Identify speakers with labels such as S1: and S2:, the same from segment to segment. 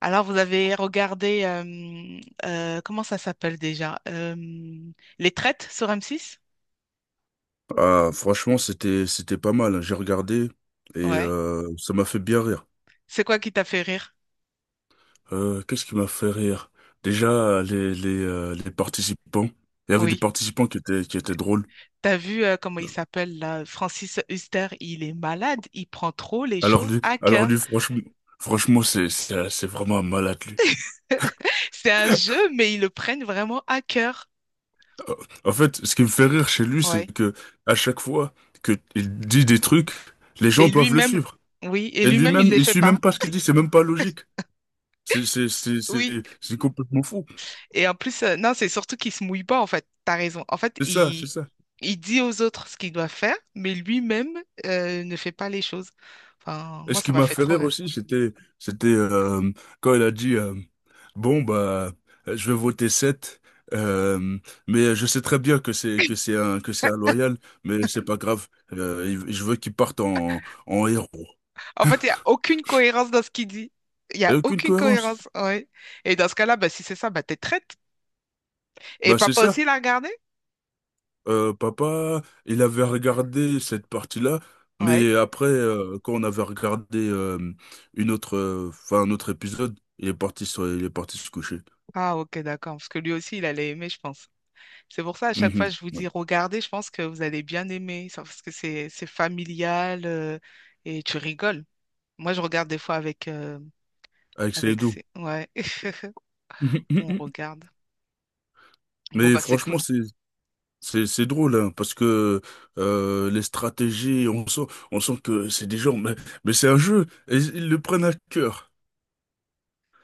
S1: Alors, vous avez regardé, comment ça s'appelle déjà? Les Traites sur M6?
S2: Ah, franchement, c'était pas mal, hein. J'ai regardé et
S1: Ouais.
S2: ça m'a fait bien rire.
S1: C'est quoi qui t'a fait rire?
S2: Qu'est-ce qui m'a fait rire? Déjà, les participants. Il y avait des
S1: Oui.
S2: participants qui étaient drôles.
S1: T'as vu, comment il s'appelle là? Francis Huster, il est malade, il prend trop les
S2: Alors
S1: choses
S2: lui,
S1: à
S2: alors lui,
S1: cœur.
S2: franchement, franchement, c'est vraiment un malade lui.
S1: C'est un jeu, mais ils le prennent vraiment à cœur.
S2: Euh, En fait, ce qui me fait rire chez lui, c'est
S1: Ouais.
S2: que à chaque fois que il dit des trucs, les gens
S1: Et
S2: doivent le
S1: lui-même,
S2: suivre.
S1: oui, et
S2: Et
S1: lui-même, il ne
S2: lui-même,
S1: les
S2: il
S1: fait
S2: suit même
S1: pas.
S2: pas ce qu'il dit. C'est même pas logique. C'est c'est c'est c'est
S1: Oui.
S2: c'est complètement fou.
S1: Et en plus, non, c'est surtout qu'il se mouille pas, en fait. T'as raison. En fait,
S2: C'est ça, c'est
S1: il,
S2: ça.
S1: il dit aux autres ce qu'il doit faire, mais lui-même, ne fait pas les choses. Enfin,
S2: Et
S1: moi,
S2: ce
S1: ça
S2: qui
S1: m'a
S2: m'a
S1: fait
S2: fait
S1: trop
S2: rire
S1: rire.
S2: aussi, c'était quand elle a dit bon bah je vais voter 7, euh, mais je sais très bien que c'est un loyal, mais c'est pas grave. Je veux qu'il parte en en héros.
S1: En fait, il n'y a aucune cohérence dans ce qu'il dit. Il n'y
S2: Il
S1: a
S2: n'y a aucune
S1: aucune
S2: cohérence.
S1: cohérence, ouais. Et dans ce cas-là, bah, si c'est ça, bah, t'es traite. Et
S2: Bah c'est
S1: papa
S2: ça.
S1: aussi l'a regardé?
S2: Papa, il avait regardé cette partie-là,
S1: Ouais.
S2: mais après quand on avait regardé une autre, enfin un autre épisode, il est parti se coucher.
S1: Ah, ok, d'accord. Parce que lui aussi, il allait aimer, je pense. C'est pour ça, à chaque fois,
S2: Mhm.
S1: je vous
S2: Ouais.
S1: dis, regardez, je pense que vous allez bien aimer ça, parce que c'est familial, et tu rigoles. Moi, je regarde des fois avec,
S2: Avec
S1: avec
S2: Seydou.
S1: ses... Ouais, on regarde. Bon,
S2: Mais
S1: bah, c'est
S2: franchement,
S1: cool.
S2: c'est drôle hein, parce que les stratégies, on sent que c'est des gens, mais c'est un jeu et ils le prennent à cœur.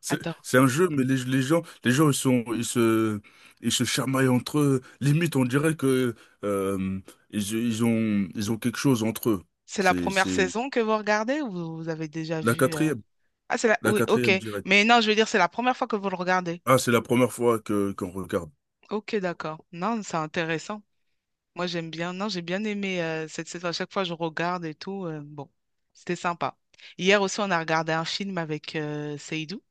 S1: Attends,
S2: C'est un jeu, mais les gens ils se ils se chamaillent entre eux. Limite, on dirait que euh, ils ont quelque chose entre eux.
S1: c'est la
S2: C'est
S1: première
S2: c'est
S1: saison que vous regardez ou vous avez déjà
S2: la
S1: vu...
S2: quatrième,
S1: Ah, c'est la...
S2: la
S1: Oui, ok.
S2: quatrième direct.
S1: Mais non, je veux dire, c'est la première fois que vous le regardez.
S2: Ah, c'est la première fois que qu'on regarde.
S1: Ok, d'accord. Non, c'est intéressant. Moi, j'aime bien. Non, j'ai bien aimé, cette saison. À chaque fois, je regarde et tout. Bon, c'était sympa. Hier aussi, on a regardé un film avec, Seydou.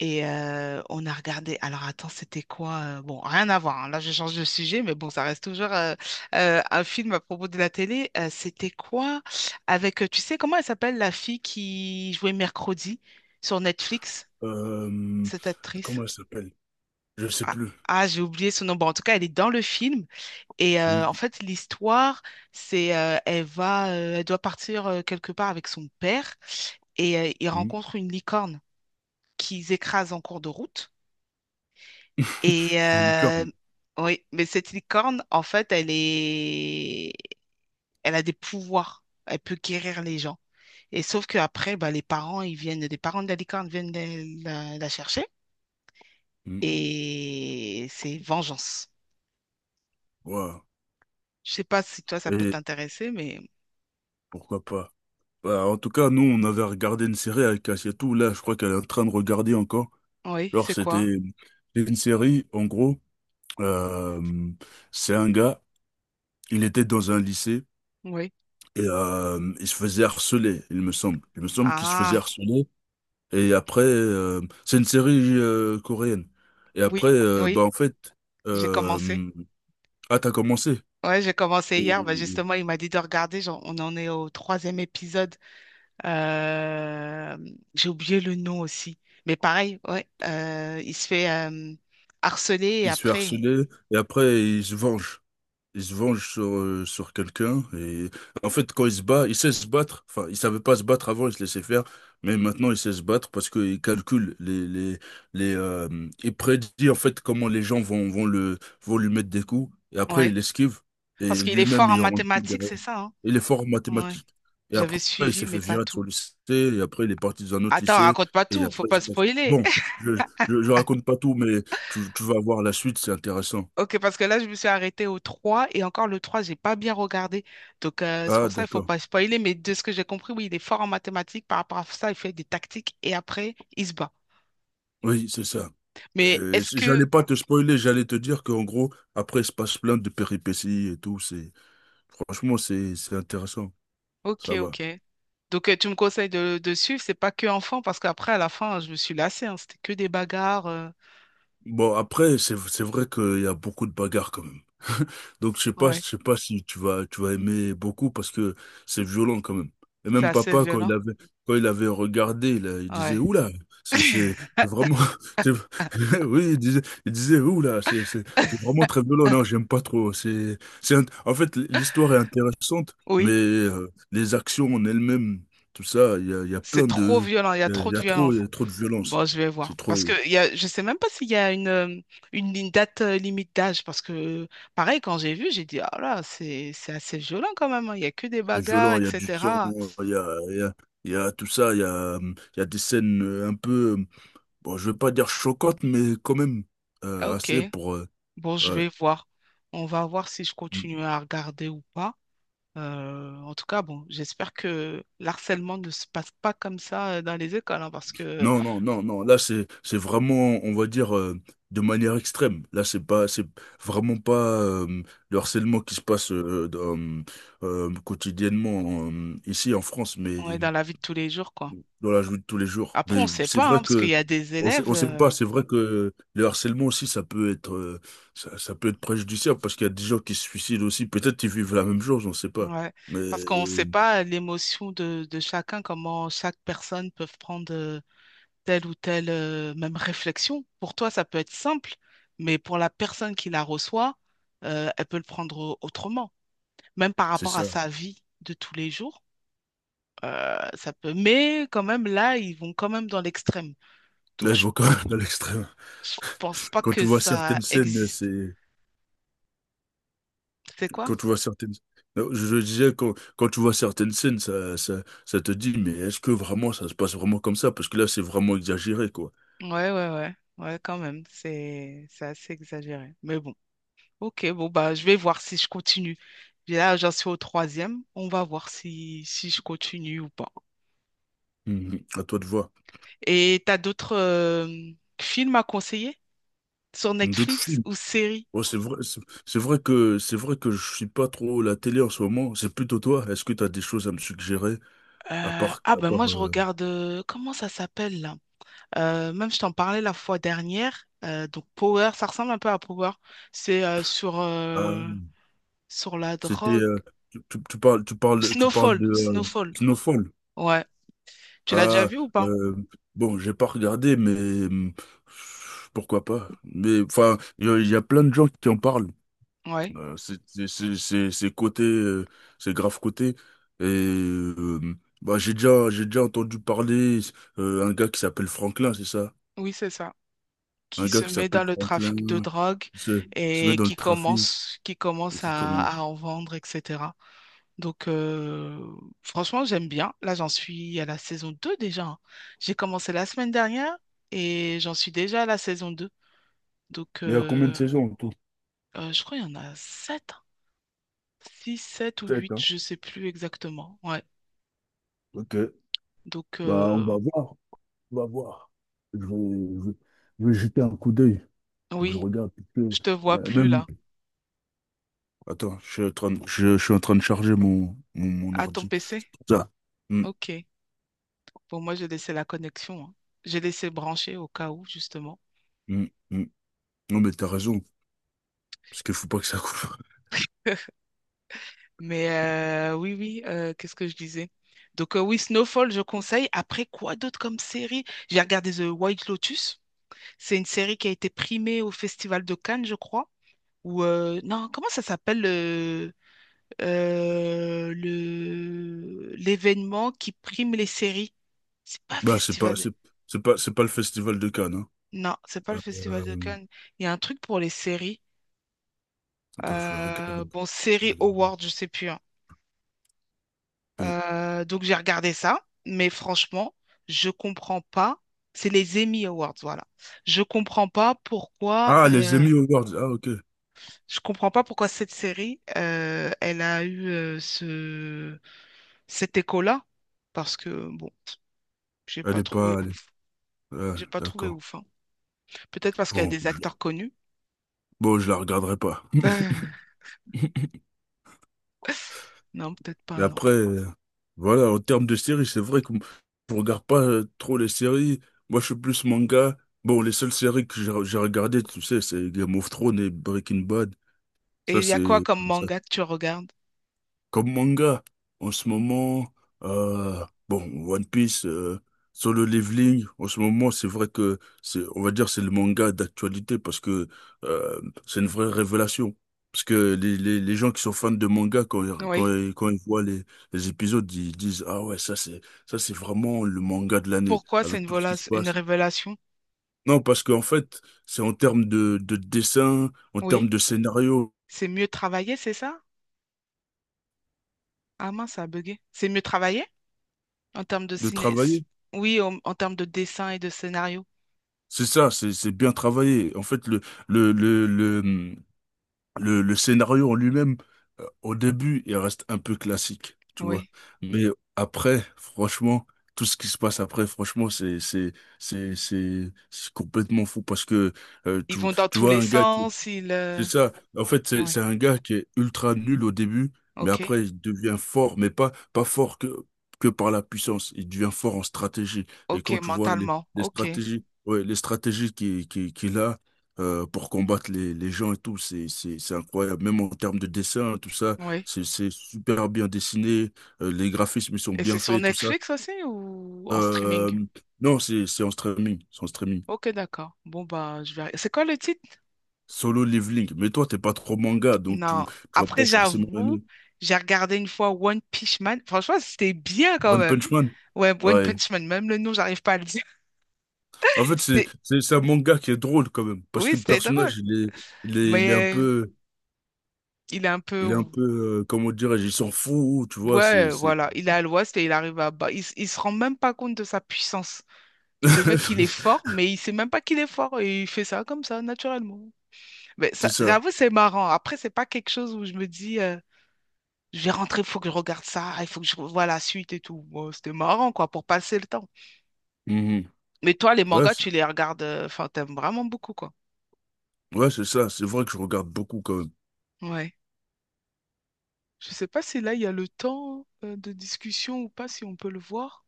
S1: Et, on a regardé. Alors attends, c'était quoi? Bon, rien à voir, hein. Là, je change de sujet, mais bon, ça reste toujours, un film à propos de la télé. C'était quoi? Avec, tu sais, comment elle s'appelle la fille qui jouait Mercredi sur Netflix,
S2: Euh,
S1: cette actrice?
S2: Comment elle s'appelle? Je sais
S1: Ah,
S2: plus.
S1: ah, j'ai oublié son nom. Bon, en tout cas, elle est dans le film. Et
S2: Une-
S1: en fait, l'histoire, c'est, elle va, elle doit partir, quelque part avec son père et ils
S2: une-
S1: rencontrent une licorne qu'ils écrasent en cours de route. Et euh,
S2: licorne.
S1: oui, mais cette licorne, en fait, elle a des pouvoirs. Elle peut guérir les gens. Et sauf qu'après, bah, les parents, ils viennent, les parents de la licorne viennent la chercher. Et c'est vengeance.
S2: Ouais.
S1: Je sais pas si toi, ça peut
S2: Et
S1: t'intéresser, mais
S2: pourquoi pas. Bah, en tout cas, nous, on avait regardé une série avec Asietou. Là, je crois qu'elle est en train de regarder encore.
S1: oui,
S2: Genre,
S1: c'est quoi?
S2: c'est une série, en gros. euh, c'est un gars, il était dans un lycée
S1: Oui.
S2: et il se faisait harceler, il me semble. Il me semble qu'il se faisait
S1: Ah,
S2: harceler. Et après, c'est une série coréenne. Et après,
S1: oui,
S2: euh,
S1: oui,
S2: bah, en fait,
S1: j'ai commencé.
S2: euh, ah, t'as commencé.
S1: Ouais, j'ai commencé hier. Bah,
S2: Et-
S1: justement, il m'a dit de regarder. On en est au troisième épisode. Euh, j'ai oublié le nom aussi. Mais pareil, ouais, il se fait, harceler et
S2: Il se fait
S1: après,
S2: harceler et après, il se venge. Il se venge sur, sur quelqu'un et en fait quand il se bat, il sait se battre. Enfin, il savait pas se battre avant, il se laissait faire, mais maintenant il sait se battre parce qu'il calcule les il prédit en fait comment les gens vont lui mettre des coups et après
S1: ouais.
S2: il esquive et
S1: Parce qu'il est
S2: lui-même
S1: fort en
S2: il rend le coup
S1: mathématiques,
S2: derrière.
S1: c'est ça, hein?
S2: Il est fort en
S1: Ouais.
S2: mathématiques. Et
S1: J'avais
S2: après il
S1: suivi,
S2: s'est fait
S1: mais pas
S2: virer de son
S1: tout.
S2: lycée et après il est parti dans un autre
S1: Attends,
S2: lycée
S1: raconte pas
S2: et
S1: tout, faut
S2: après il
S1: pas
S2: se passe.
S1: spoiler.
S2: Bon, je je raconte pas tout mais tu vas voir la suite, c'est intéressant.
S1: Ok, parce que là, je me suis arrêtée au 3 et encore le trois j'ai pas bien regardé. Donc, c'est
S2: Ah,
S1: pour ça, il faut
S2: d'accord.
S1: pas spoiler. Mais de ce que j'ai compris, oui, il est fort en mathématiques. Par rapport à ça, il fait des tactiques et après, il se bat.
S2: Oui, c'est ça.
S1: Mais est-ce que.
S2: J'allais pas te spoiler, j'allais te dire qu'en gros, après, il se passe plein de péripéties et tout. Franchement, c'est intéressant.
S1: Ok,
S2: Ça va.
S1: ok. Donc, tu me conseilles de, suivre, c'est pas que enfant, parce qu'après, à la fin, je me suis lassée, hein, c'était que des bagarres.
S2: Bon, après, c'est vrai qu'il y a beaucoup de bagarres quand même. Donc, je
S1: Ouais,
S2: sais pas si tu vas aimer beaucoup parce que c'est violent quand même. Et
S1: c'est
S2: même
S1: assez
S2: papa,
S1: violent.
S2: quand il avait regardé, il disait,
S1: Ouais.
S2: oula, c'est vraiment, c'est- oui, il disait, oula, c'est vraiment très violent. Non, j'aime pas trop. En fait, l'histoire est intéressante, mais
S1: Oui,
S2: les actions en elles-mêmes, tout ça, il y a
S1: c'est
S2: plein
S1: trop
S2: de,
S1: violent, il y a
S2: il
S1: trop
S2: y
S1: de
S2: a trop, il
S1: violence.
S2: y a trop de violence.
S1: Bon, je vais voir.
S2: C'est
S1: Parce que
S2: trop.
S1: je sais même pas s'il y a une date, limite d'âge. Parce que, pareil, quand j'ai vu, j'ai dit, ah là, c'est assez violent quand même, hein. Il y a que des
S2: C'est
S1: bagarres,
S2: violent, il y a du sang,
S1: etc.
S2: il y a, il y a, il y a tout ça, euh, il y a des scènes un peu, bon, je veux pas dire choquantes, mais quand même
S1: Ah, ok,
S2: assez pour...
S1: bon, je
S2: ouais.
S1: vais voir. On va voir si je
S2: Mm.
S1: continue à regarder ou pas. En tout cas, bon, j'espère que l'harcèlement ne se passe pas comme ça, dans les écoles, hein, parce que
S2: Non, là c'est vraiment, on va dire, de manière extrême. Là, c'est vraiment pas le harcèlement qui se passe quotidiennement ici en France, mais
S1: on est dans la vie de tous les jours, quoi.
S2: dans la joue de tous les jours.
S1: Après, on
S2: Mais
S1: ne sait
S2: c'est
S1: pas,
S2: vrai
S1: hein, parce qu'il
S2: que
S1: y a des élèves,
S2: on sait pas, c'est vrai que le harcèlement aussi, ça peut être préjudiciable parce qu'il y a des gens qui se suicident aussi. Peut-être qu'ils vivent la même chose, on sait pas.
S1: ouais,
S2: Mais
S1: parce qu'on ne sait pas l'émotion de, chacun, comment chaque personne peut prendre, telle ou telle, même réflexion. Pour toi, ça peut être simple, mais pour la personne qui la reçoit, elle peut le prendre autrement, même par
S2: c'est
S1: rapport à
S2: ça.
S1: sa vie de tous les jours. Ça peut, mais quand même là, ils vont quand même dans l'extrême.
S2: Mais
S1: Donc,
S2: il
S1: je,
S2: faut quand même à l'extrême.
S1: je pense pas
S2: Quand tu
S1: que
S2: vois
S1: ça
S2: certaines scènes,
S1: existe.
S2: c'est,
S1: C'est quoi?
S2: quand tu vois certaines, Non, je disais, quand tu vois certaines scènes, ça te dit, mais est-ce que vraiment ça se passe vraiment comme ça? Parce que là, c'est vraiment exagéré, quoi.
S1: Ouais, ouais, ouais. Ouais, quand même. C'est assez exagéré. Mais bon. Ok, bon, bah, je vais voir si je continue. Puis là, j'en suis au troisième. On va voir si je continue ou pas.
S2: Mhm. À toi de voir.
S1: Et t'as d'autres, films à conseiller sur
S2: D'autres
S1: Netflix
S2: films.
S1: ou séries?
S2: Ouais, c'est vrai, c'est c'est vrai que je suis pas trop la télé en ce moment. C'est plutôt toi. Est-ce que tu as des choses à me suggérer
S1: Ah,
S2: à
S1: ben moi
S2: part
S1: je regarde, comment ça s'appelle là? Même je t'en parlais la fois dernière. Donc, Power, ça ressemble un peu à Power. C'est, sur
S2: ah,
S1: euh, Sur la
S2: c'était
S1: drogue.
S2: euh, tu parles
S1: Snowfall,
S2: de
S1: Snowfall.
S2: Snowfall.
S1: Ouais. Tu l'as déjà
S2: Ah
S1: vu ou pas?
S2: euh, bon, j'ai pas regardé mais pourquoi pas. Mais enfin, il y a plein de gens qui en parlent.
S1: Ouais.
S2: C'est côté c'est grave côté et bah j'ai déjà entendu parler un gars qui s'appelle Franklin, c'est ça?
S1: Oui, c'est ça. Qui
S2: Un gars
S1: se
S2: qui
S1: met
S2: s'appelle
S1: dans le trafic de
S2: Franklin,
S1: drogue
S2: se met
S1: et
S2: dans le
S1: qui
S2: trafic
S1: commence, qui
S2: et
S1: commence
S2: qui
S1: à
S2: commence.
S1: en vendre, etc. Donc, franchement, j'aime bien. Là, j'en suis à la saison 2 déjà, hein. J'ai commencé la semaine dernière et j'en suis déjà à la saison 2. Donc,
S2: Mais il y a combien de saisons en tout?
S1: je crois qu'il y en a 7, 6, 7 ou
S2: Sept,
S1: 8,
S2: hein?
S1: je ne sais plus exactement. Ouais.
S2: Ok.
S1: Donc,
S2: Bah, on va voir. On va voir. Je vais, je vais- je vais jeter un coup d'œil. Faut que je
S1: oui,
S2: regarde, parce que,
S1: je te
S2: bah,
S1: vois plus
S2: même.
S1: là.
S2: Attends, je suis en train de charger mon
S1: À ton
S2: ordi.
S1: PC?
S2: Ça. Mm,
S1: Ok. Bon, moi, j'ai laissé la connexion, hein. J'ai laissé brancher au cas où, justement.
S2: mm, mm. Non, mais t'as raison. Parce qu'il faut pas que ça coupe.
S1: Mais, oui, oui, qu'est-ce que je disais? Donc, oui, Snowfall, je conseille. Après, quoi d'autre comme série? J'ai regardé The White Lotus. C'est une série qui a été primée au Festival de Cannes, je crois. Ou, non, comment ça s'appelle, l'événement qui prime les séries? C'est pas
S2: Bah,
S1: festival.
S2: c'est pas le festival de Cannes, hein.
S1: Non, c'est pas le Festival de
S2: Euh,
S1: Cannes. Il y a un truc pour les séries.
S2: Attends, je vais regarder.
S1: Bon,
S2: Je
S1: série
S2: vais regarder.
S1: Award, je sais plus, hein.
S2: Ok.
S1: Donc j'ai regardé ça, mais franchement, je comprends pas. C'est les Emmy Awards, voilà. Je comprends pas pourquoi.
S2: Ah, les Emmy Awards. Ah, ok.
S1: Je comprends pas pourquoi cette série, elle a eu, ce cet écho-là, parce que bon, j'ai
S2: Elle
S1: pas
S2: est
S1: trouvé
S2: pas. Elle
S1: ouf.
S2: est- Ouais,
S1: J'ai pas trouvé
S2: d'accord.
S1: ouf, hein. Peut-être parce qu'il y a
S2: Bon,
S1: des
S2: je...
S1: acteurs connus.
S2: bon, je la regarderai pas.
S1: Non, peut-être pas,
S2: Mais
S1: non.
S2: après, voilà, en termes de séries, c'est vrai que m- je regarde pas trop les séries. Moi, je suis plus manga. Bon, les seules séries que j'ai regardées, tu sais, c'est Game of Thrones et Breaking Bad.
S1: Et
S2: Ça,
S1: il y a quoi
S2: c'est.
S1: comme manga que tu regardes?
S2: Comme manga, en ce moment, bon, One Piece, Solo Leveling, en ce moment, c'est vrai que c'est, on va dire, c'est le manga d'actualité parce que euh, c'est une vraie révélation. Parce que les gens qui sont fans de manga,
S1: Oui.
S2: quand ils voient les épisodes, ils disent, ah ouais, ça c'est vraiment le manga de l'année,
S1: Pourquoi c'est
S2: avec
S1: une,
S2: tout ce
S1: vola-
S2: qui se
S1: une
S2: passe.
S1: révélation?
S2: Non, parce qu'en fait, c'est en termes de dessin, en termes
S1: Oui.
S2: de scénario,
S1: C'est mieux travaillé, c'est ça? Ah mince, ça a bugué. C'est mieux travaillé en termes de
S2: de
S1: ciné.
S2: travail.
S1: Oui, en termes de dessin et de scénario.
S2: C'est ça, c'est bien travaillé. En fait, le le le hum, le scénario en lui-même, au début, il reste un peu classique, tu vois.
S1: Oui.
S2: Mais Mhm. après, franchement, tout ce qui se passe après, franchement, c'est complètement fou parce que euh,
S1: Ils
S2: tu
S1: vont dans
S2: tu
S1: tous
S2: vois
S1: les
S2: un gars
S1: sens, ils...
S2: c'est ça. En fait,
S1: Oui.
S2: c'est un gars qui est ultra nul au début, mais
S1: Ok.
S2: après, il devient fort, mais pas fort que par la puissance. Il devient fort en stratégie. Et quand
S1: Ok,
S2: tu vois
S1: mentalement.
S2: les
S1: Ok.
S2: stratégies, ouais, les stratégies qu'il a pour combattre les gens et tout, c'est incroyable. Même en termes de dessin, tout ça,
S1: Oui.
S2: c'est super bien dessiné. Les graphismes, ils sont
S1: Et
S2: bien
S1: c'est sur
S2: faits, tout ça.
S1: Netflix aussi ou en
S2: Euh,
S1: streaming?
S2: non, c'est en streaming. C'est en streaming.
S1: Ok, d'accord. Bon, bah, je vais... C'est quoi le titre?
S2: Solo Leveling. Mais toi, t'es pas trop manga,
S1: Non.
S2: tu vas pas
S1: Après,
S2: forcément
S1: j'avoue,
S2: aimer.
S1: j'ai regardé une fois One Punch Man. Franchement, c'était bien quand
S2: One
S1: même.
S2: Punch Man?
S1: Ouais, One
S2: Ouais.
S1: Punch Man, même le nom, j'arrive pas à le dire.
S2: En fait,
S1: C'était,
S2: c'est un manga qui est drôle quand même, parce
S1: oui,
S2: que le
S1: c'était drôle.
S2: personnage, il est, il est un
S1: Mais,
S2: peu,
S1: il est un peu,
S2: il est un peu, comment dirais-je, il s'en fout, tu vois,
S1: ouais, voilà, il est à l'ouest et il arrive à bas. Il se rend même pas compte de sa puissance. Le mec, il est fort, mais il sait même pas qu'il est fort et il fait ça comme ça, naturellement. Mais ça,
S2: c'est ça.
S1: j'avoue, c'est marrant. Après, c'est pas quelque chose où je me dis, je vais rentrer, il faut que je regarde ça, il faut que je revoie la suite et tout. Bon, c'était marrant, quoi, pour passer le temps.
S2: Mhm.
S1: Mais toi, les
S2: Ouais,
S1: mangas,
S2: c'est,
S1: tu les regardes, enfin, t'aimes vraiment beaucoup, quoi.
S2: ouais, c'est ça, c'est vrai que je regarde beaucoup quand même.
S1: Ouais. Je sais pas si là il y a le temps, de discussion ou pas, si on peut le voir.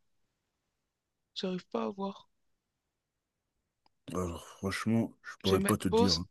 S1: J'arrive pas à voir.
S2: Alors, franchement, je
S1: Je vais
S2: pourrais pas
S1: mettre
S2: te dire,
S1: pause.
S2: hein.